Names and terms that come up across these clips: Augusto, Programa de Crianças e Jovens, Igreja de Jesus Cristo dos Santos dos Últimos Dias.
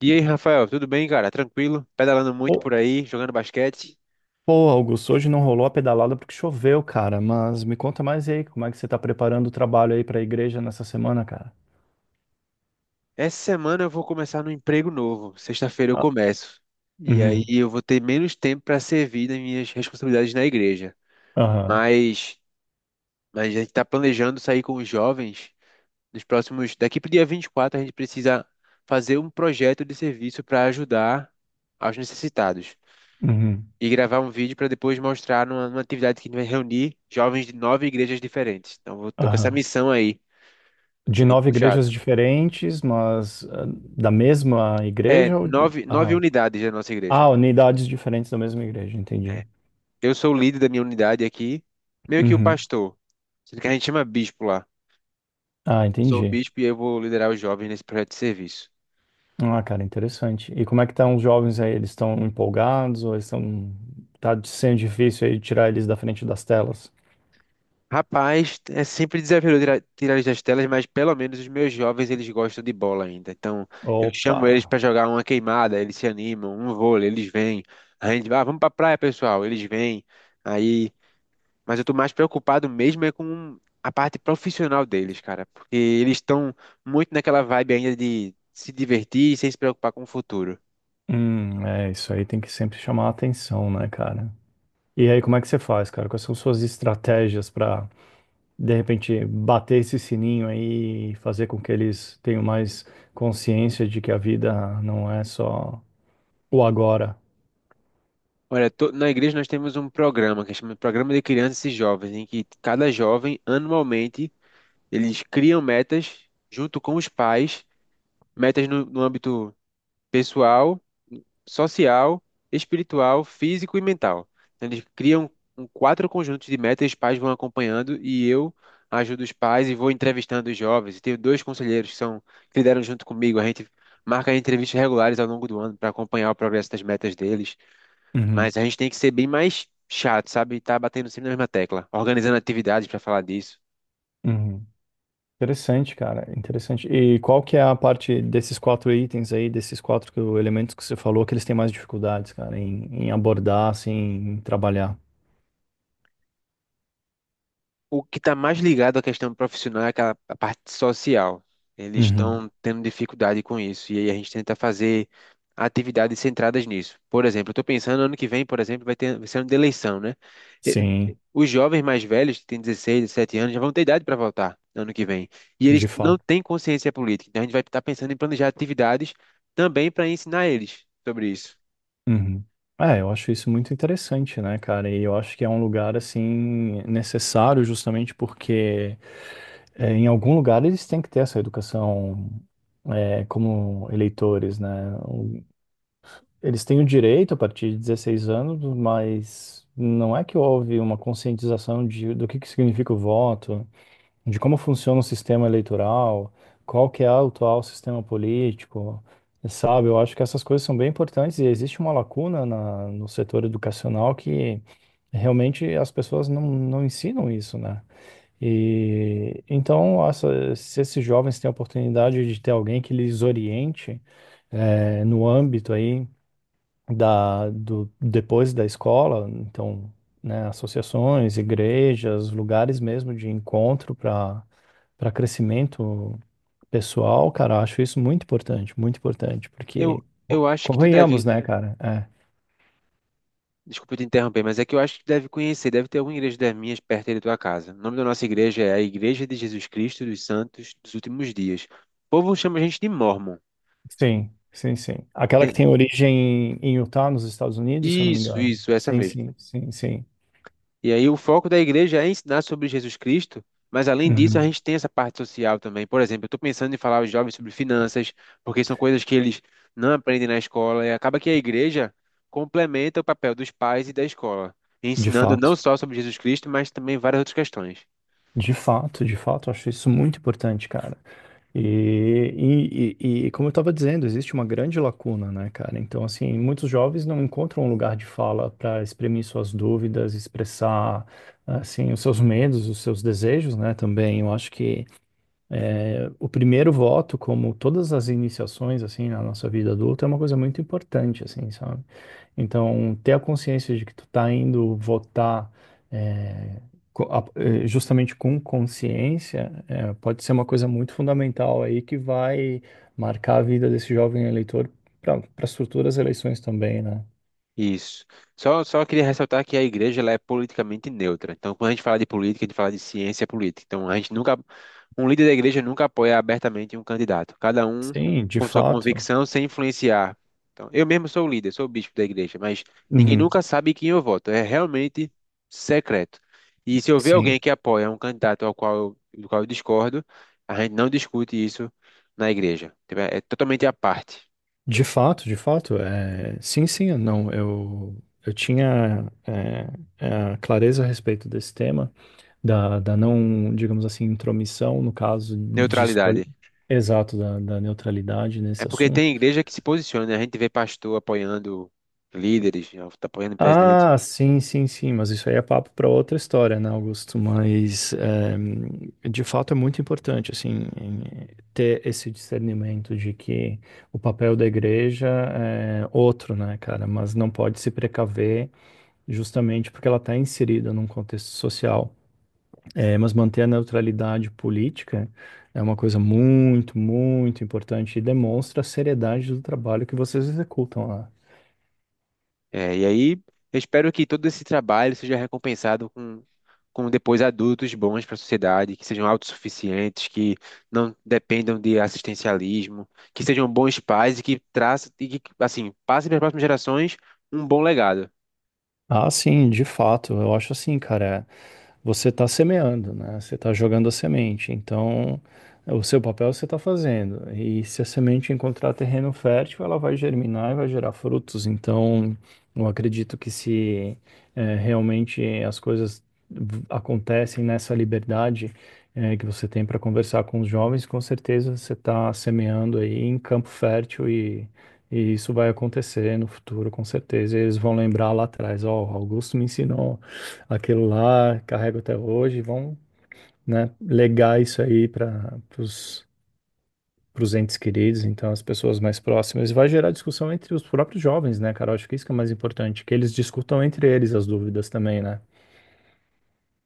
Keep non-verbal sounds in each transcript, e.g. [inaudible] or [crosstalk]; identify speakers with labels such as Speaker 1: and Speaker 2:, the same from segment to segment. Speaker 1: E aí, Rafael, tudo bem, cara? Tranquilo? Pedalando muito por
Speaker 2: Pô,
Speaker 1: aí, jogando basquete.
Speaker 2: pô, Augusto, hoje não rolou a pedalada porque choveu, cara. Mas me conta mais aí, como é que você tá preparando o trabalho aí pra igreja nessa semana, cara?
Speaker 1: Essa semana eu vou começar no emprego novo. Sexta-feira eu
Speaker 2: Ah.
Speaker 1: começo. E aí
Speaker 2: Uhum.
Speaker 1: eu vou ter menos tempo para servir das minhas responsabilidades na igreja.
Speaker 2: Aham.
Speaker 1: Mas, mas a gente está planejando sair com os jovens nos próximos. Daqui para o dia 24, a gente precisa fazer um projeto de serviço para ajudar aos necessitados.
Speaker 2: Uhum.
Speaker 1: E gravar um vídeo para depois mostrar numa atividade que a gente vai reunir jovens de nove igrejas diferentes. Então, eu tô com essa
Speaker 2: Aham.
Speaker 1: missão aí. Ser
Speaker 2: De
Speaker 1: bem
Speaker 2: nove igrejas
Speaker 1: puxada.
Speaker 2: diferentes, mas da mesma
Speaker 1: É,
Speaker 2: igreja ou...
Speaker 1: nove
Speaker 2: Aham.
Speaker 1: unidades da nossa
Speaker 2: Ah,
Speaker 1: igreja.
Speaker 2: unidades diferentes da mesma igreja, entendi.
Speaker 1: Eu sou o líder da minha unidade aqui, meio que o
Speaker 2: Uhum.
Speaker 1: pastor. Sendo que a gente chama bispo lá.
Speaker 2: Ah,
Speaker 1: Eu sou o
Speaker 2: entendi.
Speaker 1: bispo e eu vou liderar os jovens nesse projeto de serviço.
Speaker 2: Ah, cara, interessante. E como é que estão os jovens aí? Eles estão empolgados ou eles estão... Tá sendo difícil aí tirar eles da frente das telas?
Speaker 1: Rapaz, é sempre desafiador tirar eles das telas, mas pelo menos os meus jovens eles gostam de bola ainda. Então, eu chamo eles
Speaker 2: Opa!
Speaker 1: para jogar uma queimada, eles se animam, um vôlei, eles vêm. A gente, vai, ah, vamos pra praia, pessoal, eles vêm. Aí mas eu tô mais preocupado mesmo é com a parte profissional deles, cara. Porque eles estão muito naquela vibe ainda de se divertir sem se preocupar com o futuro.
Speaker 2: É, isso aí tem que sempre chamar a atenção, né, cara? E aí, como é que você faz, cara? Quais são suas estratégias pra de repente bater esse sininho aí e fazer com que eles tenham mais consciência de que a vida não é só o agora?
Speaker 1: Olha, na igreja nós temos um programa que chama Programa de Crianças e Jovens, em que cada jovem, anualmente, eles criam metas junto com os pais, metas no âmbito pessoal, social, espiritual, físico e mental. Então, eles criam quatro conjuntos de metas, os pais vão acompanhando e eu ajudo os pais e vou entrevistando os jovens. E tenho dois conselheiros que lideram junto comigo. A gente marca entrevistas regulares ao longo do ano para acompanhar o progresso das metas deles.
Speaker 2: Uhum,
Speaker 1: Mas a gente tem que ser bem mais chato, sabe? E tá batendo sempre na mesma tecla, organizando atividades para falar disso.
Speaker 2: uhum. Interessante, cara, interessante. E qual que é a parte desses quatro itens aí, desses quatro elementos que você falou, que eles têm mais dificuldades, cara, em abordar, assim, em trabalhar?
Speaker 1: O que está mais ligado à questão profissional é aquela a parte social. Eles
Speaker 2: Uhum.
Speaker 1: estão tendo dificuldade com isso e aí a gente tenta fazer atividades centradas nisso. Por exemplo, eu estou pensando ano que vem, por exemplo, vai ser ano de eleição, né? E-
Speaker 2: Sim,
Speaker 1: Os jovens mais velhos, que têm 16, 17 anos, já vão ter idade para votar ano que vem. E eles
Speaker 2: de
Speaker 1: não
Speaker 2: fato.
Speaker 1: têm consciência política. Então a gente vai estar pensando em planejar atividades também para ensinar eles sobre isso.
Speaker 2: Uhum. É, eu acho isso muito interessante, né, cara? E eu acho que é um lugar, assim, necessário justamente porque é, em algum lugar eles têm que ter essa educação é, como eleitores, né? O- Eles têm o direito a partir de 16 anos, mas não é que houve uma conscientização de, do que significa o voto, de como funciona o sistema eleitoral, qual que é o atual sistema político, sabe? Eu acho que essas coisas são bem importantes e existe uma lacuna na, no setor educacional que realmente as pessoas não ensinam isso, né? E então, se esses jovens têm a oportunidade de ter alguém que lhes oriente no âmbito aí da, do, depois da escola, então, né, associações, igrejas, lugares mesmo de encontro para crescimento pessoal, cara, eu acho isso muito importante,
Speaker 1: Eu,
Speaker 2: porque
Speaker 1: eu acho que tu
Speaker 2: convenhamos,
Speaker 1: deve
Speaker 2: né, cara? É.
Speaker 1: Desculpa te interromper, mas é que eu acho que tu deve conhecer, deve ter alguma igreja das minhas perto aí da tua casa. O nome da nossa igreja é a Igreja de Jesus Cristo dos Santos dos Últimos Dias. O povo chama a gente de Mormon.
Speaker 2: Sim, sim, sim. Aquela que
Speaker 1: Tem-
Speaker 2: tem origem em Utah, nos Estados Unidos, se eu não me
Speaker 1: Isso,
Speaker 2: engano.
Speaker 1: isso, essa
Speaker 2: Sim,
Speaker 1: mesmo.
Speaker 2: sim, sim, sim.
Speaker 1: E aí o foco da igreja é ensinar sobre Jesus Cristo, mas além disso a
Speaker 2: Uhum.
Speaker 1: gente tem essa parte social também. Por exemplo, eu estou pensando em falar aos jovens sobre finanças, porque são coisas que eles não aprendem na escola, e acaba que a igreja complementa o papel dos pais e da escola,
Speaker 2: De
Speaker 1: ensinando não
Speaker 2: fato.
Speaker 1: só sobre Jesus Cristo, mas também várias outras questões.
Speaker 2: De fato, de fato, eu acho isso muito importante, cara. E, e, e como eu estava dizendo, existe uma grande lacuna, né, cara? Então, assim, muitos jovens não encontram um lugar de fala para exprimir suas dúvidas, expressar, assim, os seus medos, os seus desejos, né, também. Eu acho que o primeiro voto, como todas as iniciações, assim, na nossa vida adulta, é uma coisa muito importante, assim, sabe? Então, ter a consciência de que tu tá indo votar é, é, justamente com consciência é, pode ser uma coisa muito fundamental aí que vai marcar a vida desse jovem eleitor para as futuras eleições também, né?
Speaker 1: Isso. Só queria ressaltar que a igreja ela é politicamente neutra. Então, quando a gente fala de política, a gente fala de ciência política. Então, a gente nunca, um líder da igreja nunca apoia abertamente um candidato. Cada um
Speaker 2: Sim, de
Speaker 1: com sua
Speaker 2: fato.
Speaker 1: convicção, sem influenciar. Então, eu mesmo sou o líder, sou o bispo da igreja, mas ninguém
Speaker 2: Uhum,
Speaker 1: nunca sabe quem eu voto. É realmente secreto. E se eu ver alguém
Speaker 2: sim.
Speaker 1: que apoia um candidato ao qual do qual eu discordo, a gente não discute isso na igreja. Tipo, é totalmente à parte.
Speaker 2: De fato, de fato. É... Sim, sim, não. Eu tinha clareza a respeito desse tema. Da, da não, digamos assim, intromissão, no caso de escolha.
Speaker 1: Neutralidade.
Speaker 2: Exato, da, da neutralidade
Speaker 1: É
Speaker 2: nesse
Speaker 1: porque
Speaker 2: assunto.
Speaker 1: tem igreja que se posiciona, né? A gente vê pastor apoiando líderes, né, apoiando o presidente.
Speaker 2: Ah, sim, sim, sim, mas isso aí é papo para outra história, né, Augusto? Mas é, de fato é muito importante, assim, ter esse discernimento de que o papel da igreja é outro, né, cara? Mas não pode se precaver justamente porque ela está inserida num contexto social. É, mas manter a neutralidade política é uma coisa muito, muito importante e demonstra a seriedade do trabalho que vocês executam lá.
Speaker 1: É, e aí, eu espero que todo esse trabalho seja recompensado com depois adultos bons para a sociedade, que sejam autossuficientes, que não dependam de assistencialismo, que sejam bons pais e que traçam, e que, assim, passem para as próximas gerações um bom legado.
Speaker 2: Ah, sim, de fato. Eu acho assim, cara. Você está semeando, né? Você está jogando a semente. Então, o seu papel você está fazendo. E se a semente encontrar terreno fértil, ela vai germinar e vai gerar frutos. Então, eu acredito que se realmente as coisas acontecem nessa liberdade que você tem para conversar com os jovens, com certeza você está semeando aí em campo fértil e isso vai acontecer no futuro, com certeza. E eles vão lembrar lá atrás, ó, o Augusto me ensinou aquilo lá, carrego até hoje. Vão, né, legar isso aí para os entes queridos, então as pessoas mais próximas. E vai gerar discussão entre os próprios jovens, né, cara? Eu acho que isso que é mais importante, que eles discutam entre eles as dúvidas também, né?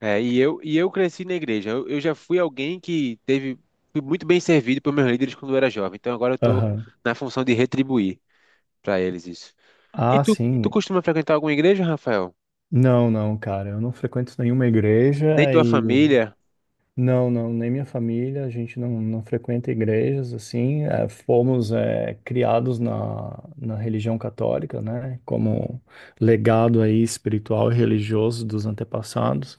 Speaker 1: É, e eu cresci na igreja. Eu já fui alguém que teve, fui muito bem servido por meus líderes quando eu era jovem. Então agora eu estou
Speaker 2: Aham.
Speaker 1: na função de retribuir para eles isso. E
Speaker 2: Ah,
Speaker 1: tu
Speaker 2: sim.
Speaker 1: costuma frequentar alguma igreja, Rafael?
Speaker 2: Não, não, cara. Eu não frequento nenhuma
Speaker 1: Nem
Speaker 2: igreja
Speaker 1: tua
Speaker 2: e
Speaker 1: família?
Speaker 2: não, nem minha família, a gente não frequenta igrejas, assim, é, fomos é, criados na, na religião católica, né, como legado aí espiritual e religioso dos antepassados,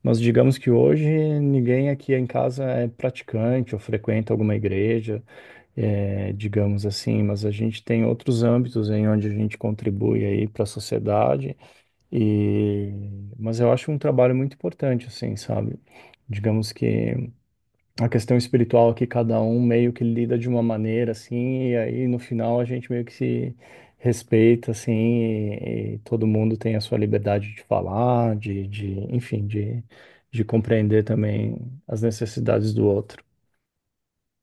Speaker 2: mas digamos que hoje ninguém aqui em casa é praticante ou frequenta alguma igreja, é, digamos assim, mas a gente tem outros âmbitos em onde a gente contribui aí para a sociedade, e, mas eu acho um trabalho muito importante, assim, sabe? Digamos que a questão espiritual que cada um meio que lida de uma maneira, assim, e aí no final a gente meio que se respeita, assim, e todo mundo tem a sua liberdade de falar, de, enfim, de compreender também as necessidades do outro.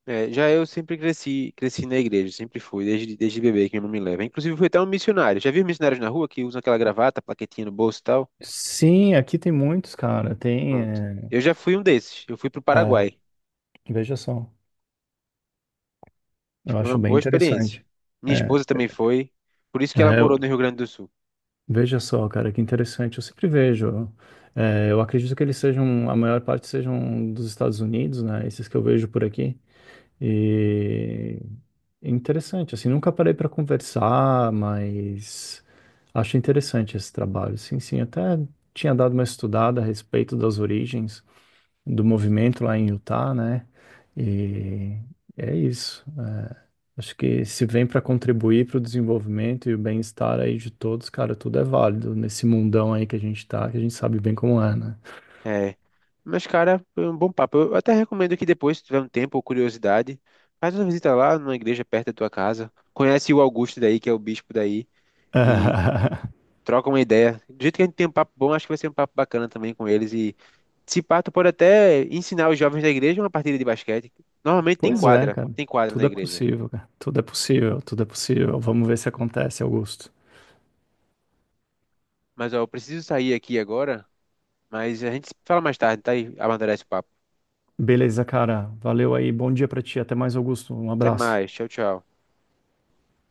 Speaker 1: É, já eu sempre cresci, cresci na igreja, sempre fui, desde bebê que minha mãe me leva. Inclusive fui até um missionário. Já vi missionários na rua que usam aquela gravata, plaquetinha no bolso e tal?
Speaker 2: Sim, aqui tem muitos, cara, tem,
Speaker 1: Pronto.
Speaker 2: é,
Speaker 1: Eu já fui um desses. Eu fui pro
Speaker 2: é,
Speaker 1: Paraguai.
Speaker 2: veja só, eu
Speaker 1: Foi uma
Speaker 2: acho bem
Speaker 1: boa experiência.
Speaker 2: interessante.
Speaker 1: Minha
Speaker 2: É,
Speaker 1: esposa também foi, por isso que ela
Speaker 2: é,
Speaker 1: morou no Rio Grande do Sul.
Speaker 2: veja só, cara, que interessante. Eu sempre vejo. Eu acredito que eles sejam, a maior parte sejam dos Estados Unidos, né? Esses que eu vejo por aqui. E é interessante, assim, nunca parei para conversar, mas acho interessante esse trabalho. Sim, sim, até tinha dado uma estudada a respeito das origens do movimento lá em Utah, né? E é isso. É. Acho que se vem para contribuir para o desenvolvimento e o bem-estar aí de todos, cara, tudo é válido nesse mundão aí que a gente tá, que a gente sabe bem como é, né?
Speaker 1: É. Mas, cara, foi um bom papo. Eu até recomendo que depois, se tiver um tempo ou curiosidade, faz uma visita lá numa igreja perto da tua casa. Conhece o Augusto daí, que é o bispo daí, e
Speaker 2: [laughs]
Speaker 1: troca uma ideia. Do jeito que a gente tem um papo bom, acho que vai ser um papo bacana também com eles. E se pá, tu pode até ensinar os jovens da igreja uma partida de basquete. Normalmente
Speaker 2: Pois é, cara.
Speaker 1: tem quadra na
Speaker 2: Tudo é
Speaker 1: igreja.
Speaker 2: possível, cara. Tudo é possível, tudo é possível. Vamos ver se acontece, Augusto.
Speaker 1: Mas, ó, eu preciso sair aqui agora, mas a gente se fala mais tarde, tá? E amadurece o papo.
Speaker 2: Beleza, cara. Valeu aí. Bom dia pra ti. Até mais, Augusto. Um
Speaker 1: Até
Speaker 2: abraço.
Speaker 1: mais. Tchau, tchau.